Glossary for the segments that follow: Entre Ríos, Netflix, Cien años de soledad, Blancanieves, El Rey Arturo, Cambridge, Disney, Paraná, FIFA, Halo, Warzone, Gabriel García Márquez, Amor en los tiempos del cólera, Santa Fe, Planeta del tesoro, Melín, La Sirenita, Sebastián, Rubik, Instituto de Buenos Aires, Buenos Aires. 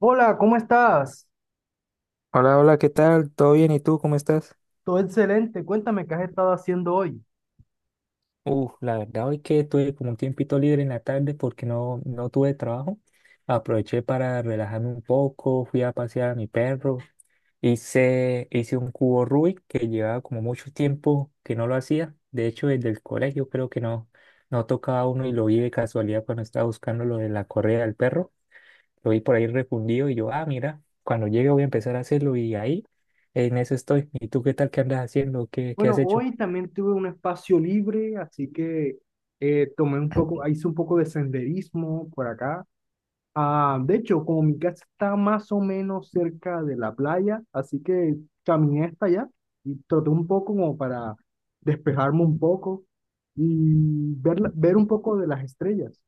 Hola, ¿cómo estás? Hola, hola, ¿qué tal? ¿Todo bien? ¿Y tú cómo estás? Todo excelente. Cuéntame qué has estado haciendo hoy. La verdad hoy que tuve como un tiempito libre en la tarde porque no tuve trabajo. Aproveché para relajarme un poco, fui a pasear a mi perro, hice un cubo Rubik que llevaba como mucho tiempo que no lo hacía. De hecho, desde el colegio creo que no tocaba uno y lo vi de casualidad cuando estaba buscando lo de la correa del perro. Lo vi por ahí refundido y yo, mira, cuando llegue voy a empezar a hacerlo y ahí en eso estoy. ¿Y tú qué tal? ¿Qué andas haciendo? ¿Qué has Bueno, hecho? hoy también tuve un espacio libre, así que hice un poco de senderismo por acá. Ah, de hecho, como mi casa está más o menos cerca de la playa, así que caminé hasta allá y troté un poco como para despejarme un poco y ver, ver un poco de las estrellas.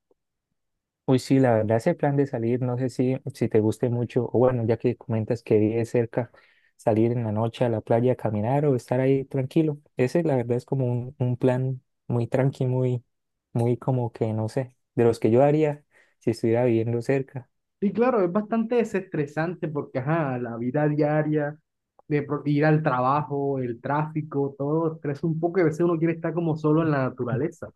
Uy, sí, la verdad, ese plan de salir, no sé si te guste mucho, o bueno, ya que comentas que vives cerca, salir en la noche a la playa a caminar o estar ahí tranquilo. Ese, la verdad, es como un plan muy tranqui, muy, muy como que, no sé, de los que yo haría si estuviera viviendo cerca. Sí, claro, es bastante desestresante porque, ajá, la vida diaria, ir al trabajo, el tráfico, todo estresa un poco y a veces uno quiere estar como solo en la naturaleza.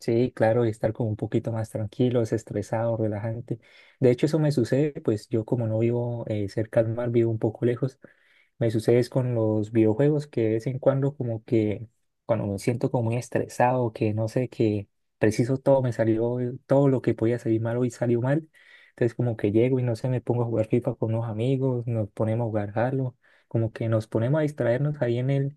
Sí, claro, y estar como un poquito más tranquilo, desestresado, relajante. De hecho, eso me sucede, pues yo como no vivo cerca al mar, vivo un poco lejos, me sucede es con los videojuegos que de vez en cuando como que cuando me siento como muy estresado, que no sé, que preciso todo me salió, todo lo que podía salir mal hoy salió mal. Entonces como que llego y no sé, me pongo a jugar FIFA con unos amigos, nos ponemos a jugar Halo, como que nos ponemos a distraernos ahí en el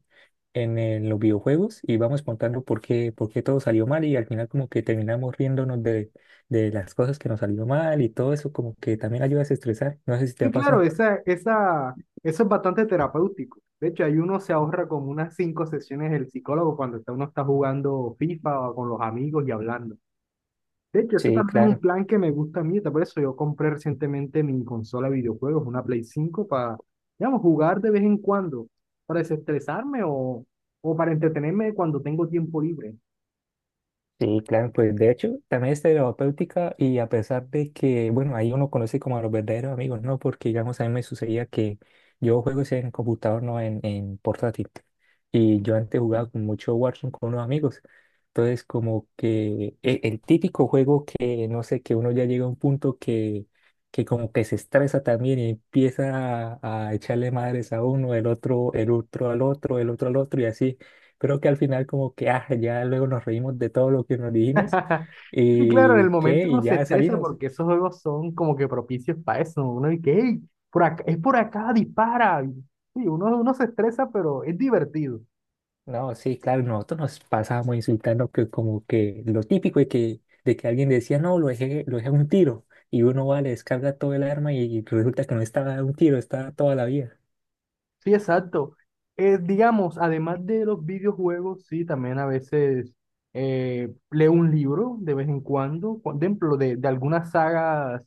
los videojuegos y vamos contando por qué todo salió mal y al final como que terminamos riéndonos de las cosas que nos salió mal y todo eso como que también ayuda a estresar. No sé si te Sí, ha claro, pasado. Eso es bastante terapéutico. De hecho, ahí uno se ahorra como unas cinco sesiones del psicólogo cuando uno está jugando FIFA o con los amigos y hablando. De hecho, ese Sí, también es un claro. plan que me gusta a mí, por eso yo compré recientemente mi consola de videojuegos, una Play 5 para, digamos, jugar de vez en cuando, para desestresarme o para entretenerme cuando tengo tiempo libre. Sí, claro, pues de hecho también es terapéutica y a pesar de que, bueno, ahí uno conoce como a los verdaderos amigos, ¿no? Porque digamos a mí me sucedía que yo juego es en computador, no en portátil. Y yo antes jugaba con mucho Warzone con unos amigos. Entonces como que el, típico juego que, no sé, que uno ya llega a un punto que como que se estresa también y empieza a echarle madres a uno, el otro al otro, el otro al otro y así creo que al final como que ya luego nos reímos de todo lo que nos dijimos Sí, claro, en y el momento qué, y uno se ya estresa salimos. porque esos juegos son como que propicios para eso, ¿no? Uno dice, hey, por acá, es por acá, dispara. Sí, uno se estresa, pero es divertido. No, sí, claro, nosotros nos pasábamos insultando que como que lo típico de que alguien decía, no, lo dejé a un tiro y uno va, le descarga todo el arma y resulta que no estaba a un tiro, estaba toda la vida. Sí, exacto. Digamos, además de los videojuegos, sí, también a veces leo un libro de vez en cuando, por ejemplo, de algunas sagas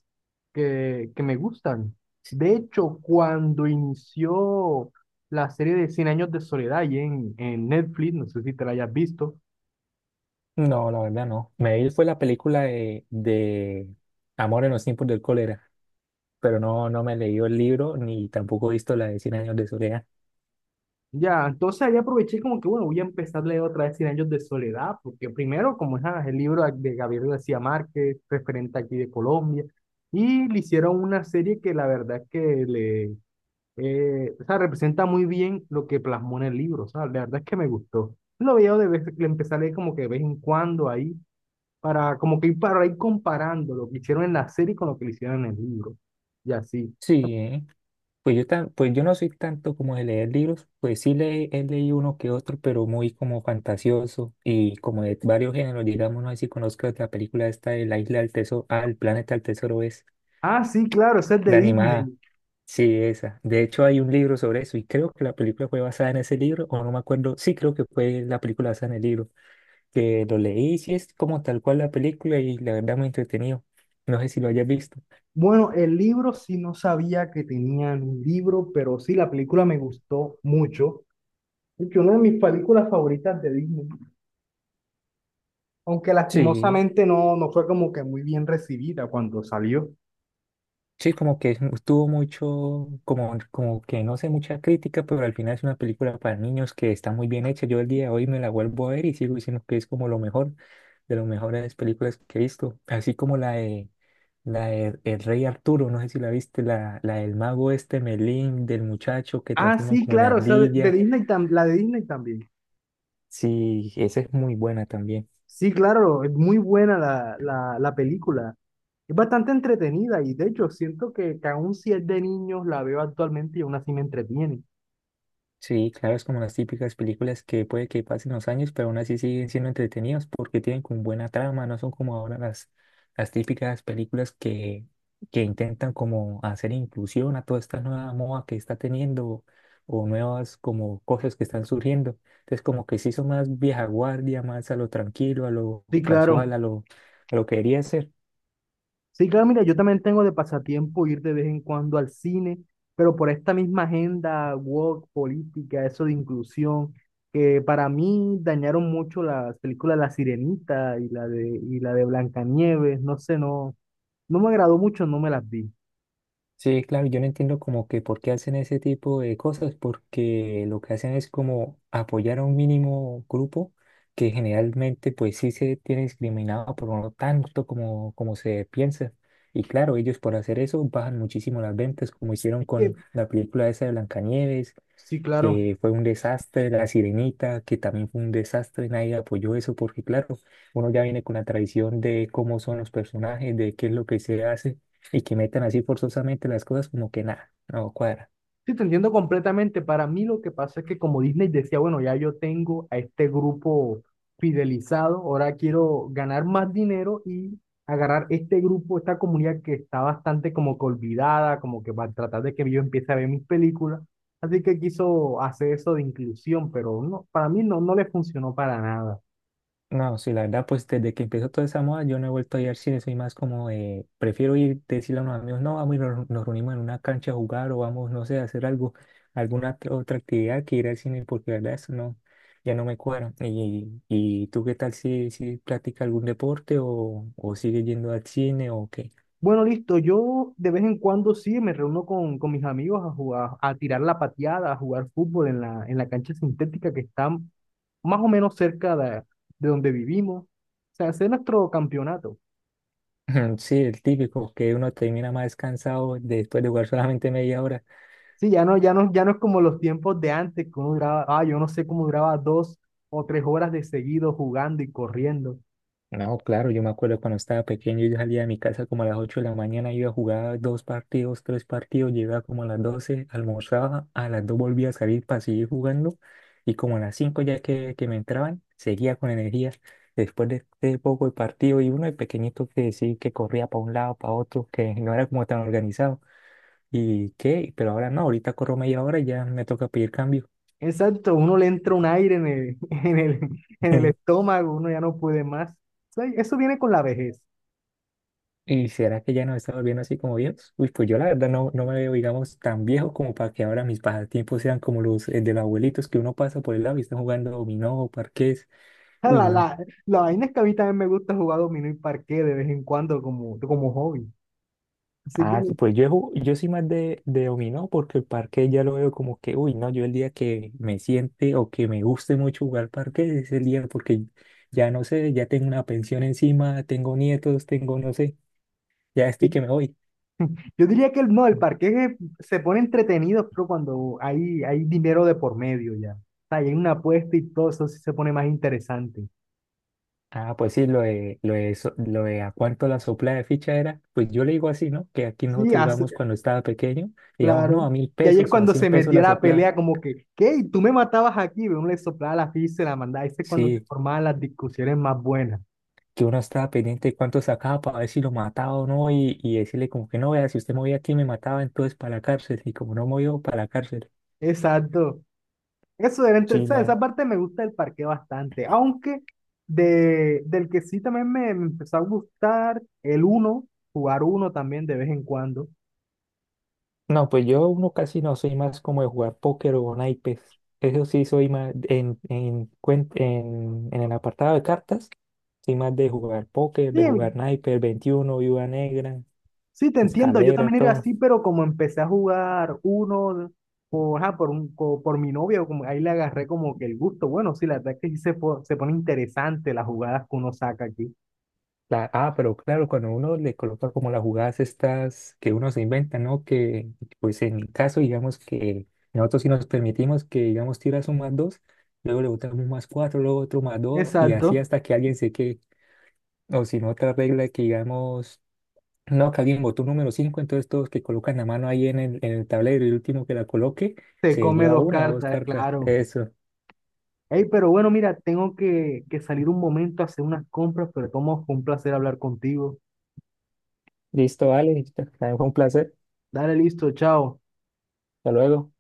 que me gustan. De hecho, cuando inició la serie de Cien años de soledad ahí en Netflix, no sé si te la hayas visto. No, la verdad no. Me vi fue la película de Amor en los Tiempos del Cólera, pero no me he leído el libro ni tampoco he visto la de Cien Años de Soledad. Ya, entonces ahí aproveché como que, bueno, voy a empezar a leer otra vez Cien años de soledad, porque primero, como es el libro de Gabriel García Márquez, referente aquí de Colombia, y le hicieron una serie que la verdad es que le, o sea, representa muy bien lo que plasmó en el libro, o sea, la verdad es que me gustó. Lo veo de vez, le empecé a leer como que de vez en cuando ahí, para como que ir para ir comparando lo que hicieron en la serie con lo que le hicieron en el libro, y así. Sí. Pues yo no soy tanto como de leer libros, pues sí he leído uno que otro, pero muy como fantasioso y como de varios géneros, digamos, no sé si conozco la película esta de La Isla del Tesoro, el Planeta del Tesoro es Ah, sí, claro, ese es de la animada, Disney. sí, esa. De hecho hay un libro sobre eso y creo que la película fue basada en ese libro, o no me acuerdo, sí creo que fue la película basada en el libro, que lo leí, sí es como tal cual la película y la verdad muy entretenido, no sé si lo hayas visto. Bueno, el libro sí no sabía que tenían un libro, pero sí la película me gustó mucho. Es que una de mis películas favoritas de Disney, aunque Sí. lastimosamente no fue como que muy bien recibida cuando salió. Sí, como que tuvo mucho, como que no sé, mucha crítica, pero al final es una película para niños que está muy bien hecha. Yo el día de hoy me la vuelvo a ver y sigo diciendo que es como lo mejor, de las mejores películas que he visto. Así como la de, El Rey Arturo, no sé si la viste, la del mago este, Melín, del muchacho que Ah, transforman sí, como en claro, o sea, de ardilla. Disney la de Disney también. Sí, esa es muy buena también. Sí, claro, es muy buena la película. Es bastante entretenida y de hecho siento que aún si es de niños la veo actualmente y aún así me entretiene. Sí, claro, es como las típicas películas que puede que pasen los años, pero aún así siguen siendo entretenidas porque tienen como buena trama, no son como ahora las, típicas películas que intentan como hacer inclusión a toda esta nueva moda que está teniendo o nuevas como cosas que están surgiendo. Entonces como que sí son más vieja guardia, más a lo tranquilo, a lo Sí, claro. casual, a lo que debería ser. Sí, claro, mira, yo también tengo de pasatiempo ir de vez en cuando al cine, pero por esta misma agenda woke, política, eso de inclusión, que para mí dañaron mucho las películas La Sirenita y y la de Blancanieves, no sé, no me agradó mucho, no me las vi. Sí, claro, yo no entiendo como que por qué hacen ese tipo de cosas, porque lo que hacen es como apoyar a un mínimo grupo que generalmente pues sí se tiene discriminado, pero no tanto como se piensa. Y claro, ellos por hacer eso bajan muchísimo las ventas, como hicieron Es que, con la película esa de Blancanieves, sí, claro. que fue un desastre, La Sirenita, que también fue un desastre, nadie apoyó eso porque claro, uno ya viene con la tradición de cómo son los personajes, de qué es lo que se hace y que metan así forzosamente las cosas como que nada, no cuadra. Sí, te entiendo completamente. Para mí lo que pasa es que como Disney decía, bueno, ya yo tengo a este grupo fidelizado, ahora quiero ganar más dinero y agarrar este grupo, esta comunidad que está bastante como que olvidada, como que va a tratar de que yo empiece a ver mis películas. Así que quiso hacer eso de inclusión, pero no, para mí no le funcionó para nada. No, sí, la verdad, pues desde que empezó toda esa moda, yo no he vuelto a ir al cine, soy más como, prefiero ir, decirle a unos amigos, no, vamos y nos reunimos en una cancha a jugar o vamos, no sé, a hacer algo, alguna otra actividad que ir al cine, porque la verdad eso no, ya no me cuadra. ¿Y tú qué tal si practicas algún deporte o sigues yendo al cine o qué? Bueno, listo, yo de vez en cuando sí me reúno con mis amigos a jugar, a tirar la pateada, a jugar fútbol en la cancha sintética que está más o menos cerca de donde vivimos. O sea, hacer nuestro campeonato. Sí, el típico, que uno termina más cansado después de jugar solamente media hora. Sí, ya no es como los tiempos de antes, que yo no sé cómo duraba 2 o 3 horas de seguido jugando y corriendo. No, claro, yo me acuerdo cuando estaba pequeño, yo salía de mi casa como a las 8 de la mañana, iba a jugar dos partidos, tres partidos, llegaba como a las 12 almorzaba, a las 2 volvía a salir para seguir jugando y como a las 5 ya que me entraban, seguía con energía. Después de poco el partido y uno de pequeñito que sí, que corría para un lado, para otro, que no era como tan organizado. ¿Y qué? Pero ahora no, ahorita corro media hora y ya me toca pedir cambio. Exacto, uno le entra un aire en el estómago, uno ya no puede más. O sea, eso viene con la vejez. ¿Y será que ya nos estamos volviendo así como viejos? Uy, pues yo la verdad no, no me veo, digamos, tan viejo como para que ahora mis pasatiempos sean como los de los abuelitos que uno pasa por el lado y está jugando dominó o parqués. O Uy, La, no. la, la vaina es que a mí también me gusta jugar dominó y parqué de vez en cuando como hobby. Así que Ah, sí, pues yo, yo soy más de, dominó porque el parque ya lo veo como que, uy, no, yo el día que me siente o que me guste mucho jugar parque es el día porque ya no sé, ya tengo una pensión encima, tengo nietos, tengo, no sé, ya estoy que me voy. yo diría que el, no, el parqués se pone entretenido pero cuando hay dinero de por medio ya. O sea, y hay una apuesta y todo eso sí se pone más interesante. Ah, pues sí, lo de a cuánto la sopla de ficha era, pues yo le digo así, ¿no? Que aquí Sí, nosotros jugamos cuando estaba pequeño, digamos, no, claro. a mil Y ahí es pesos o a cuando cien se pesos metía la la sopla. pelea como que, ¿qué? ¿Y tú me matabas aquí? Uno le soplaba la ficha y se la mandaba. Ese es cuando se Sí, formaban las discusiones más buenas. que uno estaba pendiente de cuánto sacaba para ver si lo mataba o no y decirle como que no, vea, si usted movía aquí me mataba, entonces para la cárcel. Y como no movió, para la cárcel. Exacto. Eso era o Sí. sea, esa parte me gusta del parque bastante. Aunque del que sí también me empezó a gustar jugar uno también de vez en cuando. No, pues yo uno casi no soy más como de jugar póker o naipes. Eso sí soy más en el apartado de cartas. Soy más de jugar póker, Sí, de jugar naipes, veintiuno, viuda negra, sí, te entiendo. Yo escalera, también era todo. así, pero como empecé a jugar uno por, ajá, por mi novia, como, ahí le agarré como que el gusto. Bueno, sí, la verdad es que sí se pone interesante las jugadas que uno saca aquí. Pero claro, cuando uno le coloca como las jugadas estas que uno se inventa, ¿no? Que pues en mi caso, digamos que nosotros sí nos permitimos que, digamos, tiras un más dos, luego le botamos un más cuatro, luego otro más dos, y así Exacto. hasta que alguien se quede. O si no, otra regla que digamos. No, que alguien botó un número 5. Entonces todos que colocan la mano ahí en el tablero y el último que la coloque Te se come lleva dos una o dos cartas, cartas. claro. Eso. Ey, pero bueno, mira, tengo que salir un momento a hacer unas compras, pero fue un placer hablar contigo. Listo, vale. También fue un placer. Dale, listo, chao. Hasta luego.